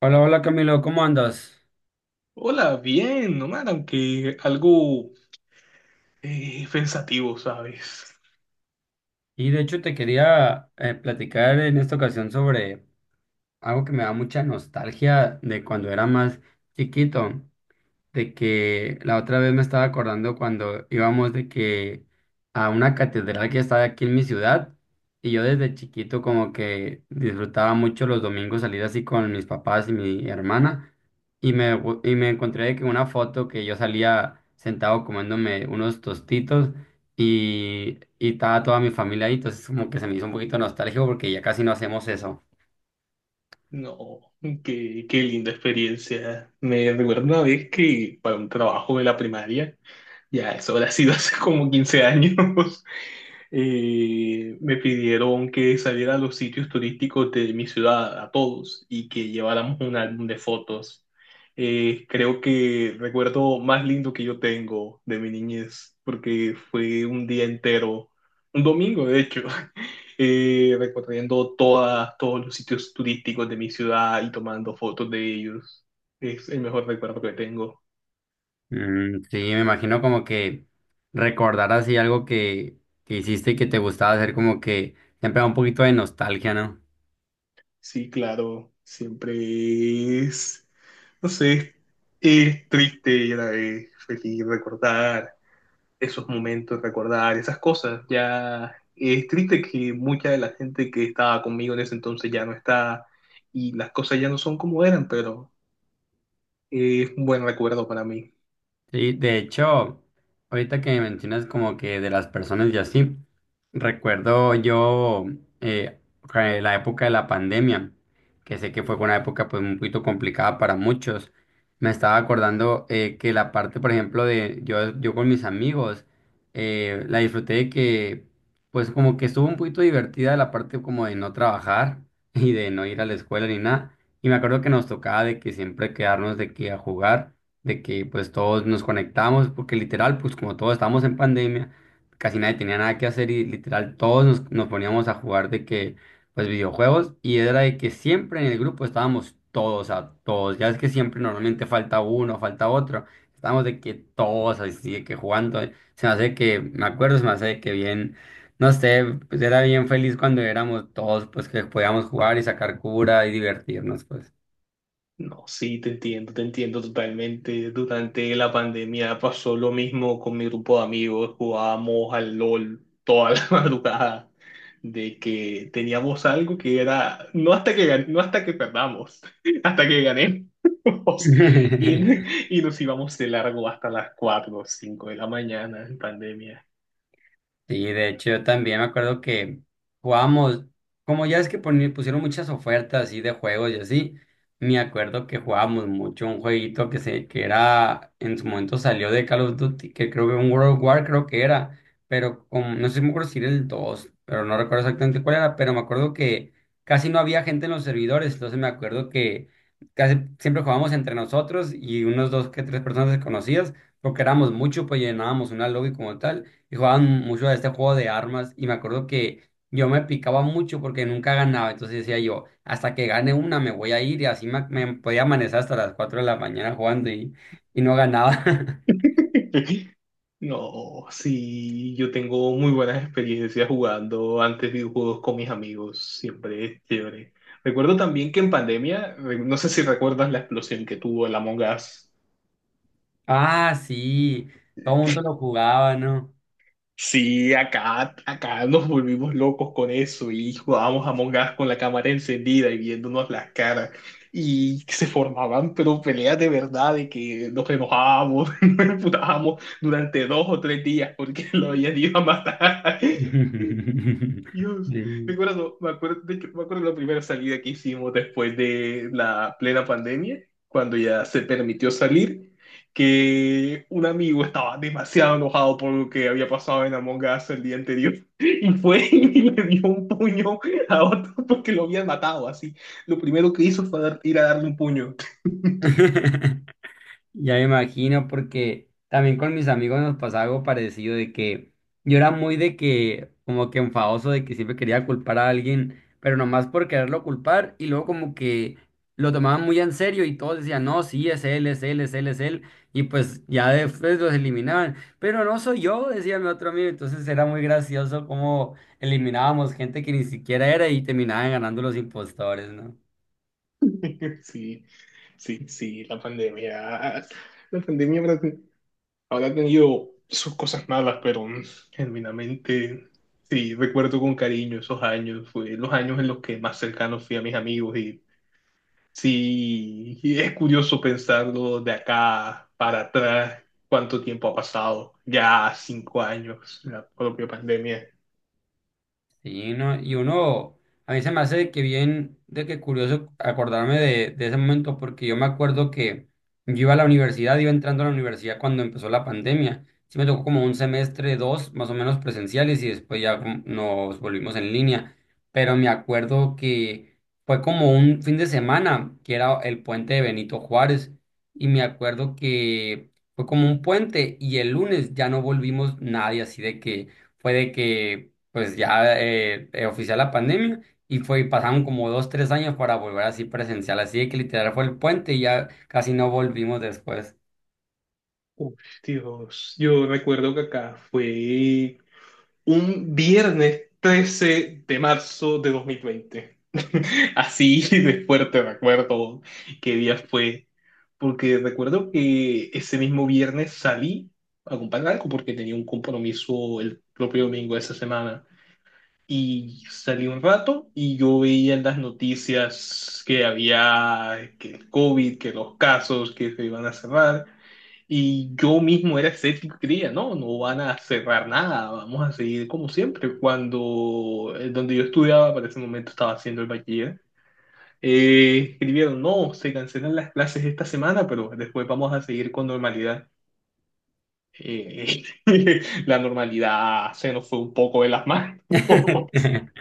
Hola, hola Camilo, ¿cómo andas? Hola, bien, nomás, aunque algo pensativo, ¿sabes? Y de hecho te quería platicar en esta ocasión sobre algo que me da mucha nostalgia de cuando era más chiquito. De que la otra vez me estaba acordando cuando íbamos de que a una catedral que está aquí en mi ciudad, y yo desde chiquito como que disfrutaba mucho los domingos salir así con mis papás y mi hermana, y y me encontré de que una foto que yo salía sentado comiéndome unos tostitos, y estaba toda mi familia ahí, entonces como que se me hizo un poquito nostálgico porque ya casi no hacemos eso. No, qué linda experiencia. Me recuerdo una vez que para un trabajo de la primaria, ya eso habrá sido hace como 15 años. Me pidieron que saliera a los sitios turísticos de mi ciudad, a todos, y que lleváramos un álbum de fotos. Creo que recuerdo más lindo que yo tengo de mi niñez, porque fue un día entero, un domingo de hecho, recorriendo todos los sitios turísticos de mi ciudad y tomando fotos de ellos. Es el mejor recuerdo que tengo. Mm, sí, me imagino como que recordar así algo que hiciste y que te gustaba hacer, como que siempre da un poquito de nostalgia, ¿no? Sí, claro, siempre es, no sé, es triste y a la vez feliz recordar esos momentos, recordar esas cosas. Ya es triste que mucha de la gente que estaba conmigo en ese entonces ya no está y las cosas ya no son como eran, pero es un buen recuerdo para mí. Sí, de hecho, ahorita que me mencionas como que de las personas y así, recuerdo yo eh, que la época de la pandemia, que sé que fue una época pues un poquito complicada para muchos. Me estaba acordando que la parte, por ejemplo, de yo con mis amigos, la disfruté de que pues como que estuvo un poquito divertida la parte como de no trabajar y de no ir a la escuela ni nada. Y me acuerdo que nos tocaba de que siempre quedarnos de que a jugar de que pues todos nos conectamos, porque literal, pues como todos estábamos en pandemia, casi nadie tenía nada que hacer y literal todos nos poníamos a jugar pues videojuegos, y era de que siempre en el grupo estábamos todos, a todos, ya es que siempre normalmente falta uno, falta otro, estábamos de que todos así, de que jugando, se me hace que bien. No sé, pues era bien feliz cuando éramos todos, pues que podíamos jugar y sacar cura y divertirnos, pues. No, sí, te entiendo totalmente. Durante la pandemia pasó lo mismo con mi grupo de amigos. Jugábamos al LOL toda la madrugada, de que teníamos algo que era, no hasta que, no hasta que perdamos, hasta que ganemos. Y, y nos íbamos de largo hasta las 4, o 5 de la mañana en pandemia. Sí, de hecho yo también me acuerdo que jugábamos, como ya es que pusieron muchas ofertas así de juegos y así, me acuerdo que jugábamos mucho un jueguito que era, en su momento salió de Call of Duty, que creo que un World of War creo que era, pero como, no sé si me acuerdo si era el 2, pero no recuerdo exactamente cuál era, pero me acuerdo que casi no había gente en los servidores, entonces me acuerdo que casi siempre jugábamos entre nosotros y unos dos que tres personas desconocidas, porque éramos muchos, pues llenábamos una lobby como tal y jugaban mucho a este juego de armas y me acuerdo que yo me picaba mucho porque nunca ganaba, entonces decía yo, hasta que gane una me voy a ir, y así me podía amanecer hasta las 4 de la mañana jugando, y no ganaba. No, sí, yo tengo muy buenas experiencias jugando antes videojuegos con mis amigos, siempre es chévere. Recuerdo también que en pandemia, no sé si recuerdas la explosión que tuvo el Among Us. Ah, sí, todo el mundo lo jugaba, ¿no? Sí, acá, acá nos volvimos locos con eso y jugábamos Among Us con la cámara encendida y viéndonos las caras, y se formaban pero peleas de verdad de que nos enojábamos, nos emputábamos durante 2 o 3 días porque lo habían ido a matar. Dios, Sí. Me acuerdo, de hecho, me acuerdo la primera salida que hicimos después de la plena pandemia, cuando ya se permitió salir, que un amigo estaba demasiado enojado por lo que había pasado en Among Us el día anterior y fue y le dio un puño a otro porque lo habían matado, así. Lo primero que hizo fue ir a darle un puño. Ya me imagino, porque también con mis amigos nos pasaba algo parecido de que yo era muy como que enfadoso de que siempre quería culpar a alguien, pero nomás por quererlo culpar, y luego como que lo tomaban muy en serio y todos decían, no, sí, es él, es él, es él, es él, y pues ya después los eliminaban, pero no soy yo, decía mi otro amigo, entonces era muy gracioso cómo eliminábamos gente que ni siquiera era y terminaban ganando los impostores, ¿no? Sí, sí, sí, la pandemia. La pandemia habrá tenido sus cosas malas, pero genuinamente sí, recuerdo con cariño esos años. Fue los años en los que más cercano fui a mis amigos y sí, y es curioso pensarlo de acá para atrás, cuánto tiempo ha pasado. Ya 5 años, la propia pandemia. Sí, no, y uno, a mí se me hace de que bien, de que curioso acordarme de ese momento, porque yo me acuerdo que yo iba a la universidad, iba entrando a la universidad cuando empezó la pandemia. Sí me tocó como un semestre, dos, más o menos presenciales, y después ya como nos volvimos en línea. Pero me acuerdo que fue como un fin de semana, que era el puente de Benito Juárez, y me acuerdo que fue como un puente, y el lunes ya no volvimos nadie, así de que fue de que pues ya oficial la pandemia, y fue, y pasaron como dos, tres años para volver así presencial, así de que literal fue el puente y ya casi no volvimos después. Uf, Dios, yo recuerdo que acá fue un viernes 13 de marzo de 2020. Así de fuerte recuerdo qué día fue, porque recuerdo que ese mismo viernes salí a comprar algo porque tenía un compromiso el propio domingo de esa semana. Y salí un rato y yo veía en las noticias que había que el COVID, que los casos, que se iban a cerrar. Y yo mismo era escéptico y creía, no, no van a cerrar nada, vamos a seguir como siempre. Cuando donde yo estudiaba, para ese momento estaba haciendo el bachiller, escribieron, no, se cancelan las clases esta semana, pero después vamos a seguir con normalidad. Eh, la normalidad se nos fue un poco de las manos.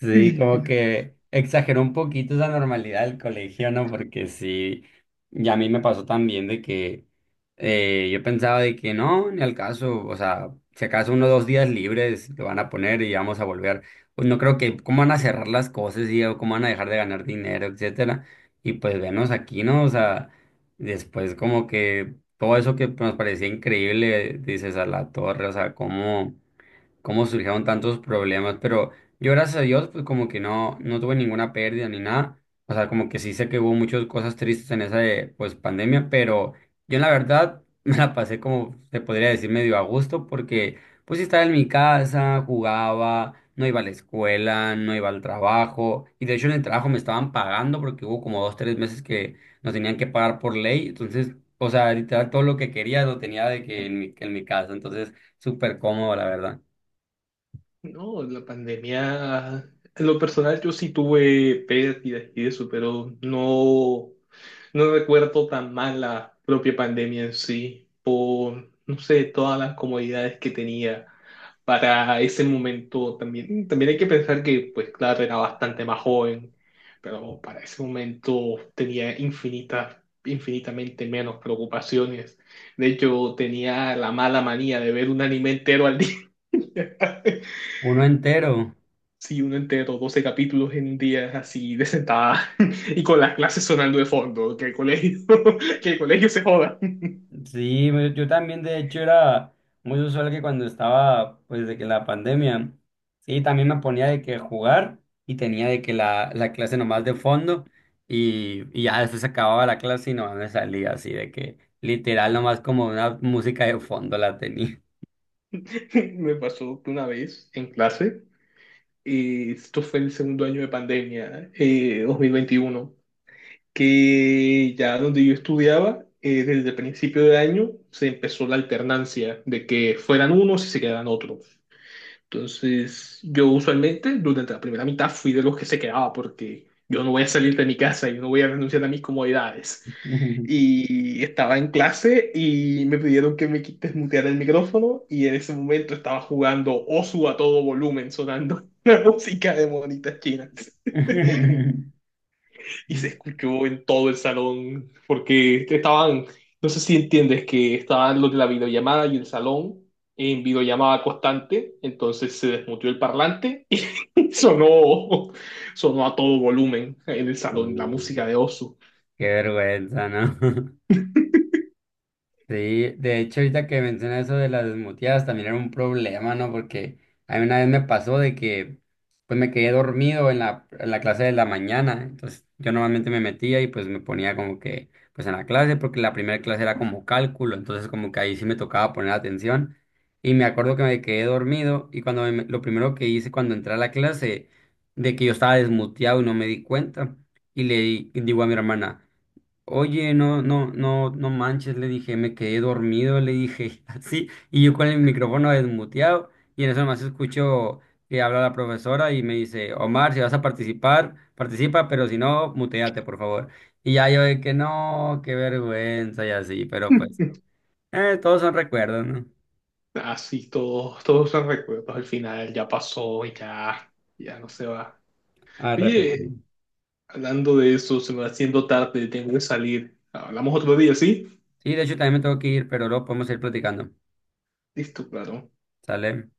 Sí, como que exageró un poquito esa normalidad del colegio, ¿no? Porque sí, ya a mí me pasó también de que yo pensaba de que no, ni al caso, o sea, si acaso uno o dos días libres lo van a poner y vamos a volver. Pues no creo que, ¿cómo van a cerrar las cosas? Y ¿o cómo van a dejar de ganar dinero, etcétera? Y pues venos aquí, ¿no? O sea, después como que todo eso que nos parecía increíble, dices a la torre, o sea, cómo surgieron tantos problemas, pero yo gracias a Dios pues como que no tuve ninguna pérdida ni nada, o sea, como que sí sé que hubo muchas cosas tristes en esa pues pandemia, pero yo en la verdad me la pasé como se podría decir medio a gusto porque pues sí estaba en mi casa, jugaba, no iba a la escuela, no iba al trabajo, y de hecho en el trabajo me estaban pagando porque hubo como dos, tres meses que nos tenían que pagar por ley, entonces, o sea, literal todo lo que quería lo tenía de que en en mi casa, entonces súper cómodo la verdad. No, la pandemia, en lo personal yo sí tuve pérdidas y eso, pero no, no recuerdo tan mal la propia pandemia en sí, por, no sé, todas las comodidades que tenía para ese momento también. También hay que pensar que, pues claro, era bastante más joven, pero para ese momento tenía infinitas, infinitamente menos preocupaciones. De hecho, tenía la mala manía de ver un anime entero al día. Uno entero. Sí, uno entero, 12 capítulos en un día, así de sentada, y con las clases sonando de fondo, que el colegio, que el colegio se joda. Sí, yo también de hecho era muy usual que cuando estaba pues de que la pandemia, sí, también me ponía de que jugar y tenía de que la clase nomás de fondo y ya después se acababa la clase y nomás me salía así de que literal nomás como una música de fondo la tenía. Me pasó que una vez en clase, esto fue el segundo año de pandemia, 2021, que ya donde yo estudiaba, desde el principio de año se empezó la alternancia de que fueran unos y se quedaran otros. Entonces, yo usualmente durante la primera mitad fui de los que se quedaba porque yo no voy a salir de mi casa, yo no voy a renunciar a mis comodidades. Y estaba en clase y me pidieron que me quites mutear el micrófono y en ese momento estaba jugando Osu a todo volumen, sonando la música de monitas chinas. Y se escuchó en todo el salón porque estaban, no sé si entiendes que estaban los de la videollamada y el salón en videollamada constante, entonces se desmuteó el parlante. Sonó, sonó a todo volumen en el salón la Uh, música de Osu. qué vergüenza, ¿no? Sí, de hecho, ahorita que mencionas eso de las desmuteadas, también era un problema, ¿no? Porque a mí una vez me pasó de que, pues me quedé dormido en en la clase de la mañana, entonces yo normalmente me metía y pues me ponía como que, pues en la clase, porque la primera clase era como cálculo, entonces como que ahí sí me tocaba poner atención, y me acuerdo que me quedé dormido, y cuando lo primero que hice cuando entré a la clase, de que yo estaba desmuteado y no me di cuenta, y digo a mi hermana, oye, no, no, no, no manches, le dije, me quedé dormido, le dije, así, y yo con el micrófono desmuteado, y en eso nomás escucho que habla la profesora y me dice, Omar, si vas a participar, participa, pero si no, muteate, por favor. Y ya yo de que no, qué vergüenza y así, pero pues, todos son recuerdos, ¿no? Así todos, todos son recuerdos al final, ya pasó, ya, ya no se va. A Oye, repetir. hablando de eso, se me va haciendo tarde, tengo que salir. Hablamos otro día, ¿sí? Sí, de hecho también me tengo que ir, pero luego podemos ir platicando, Listo, claro. ¿sale?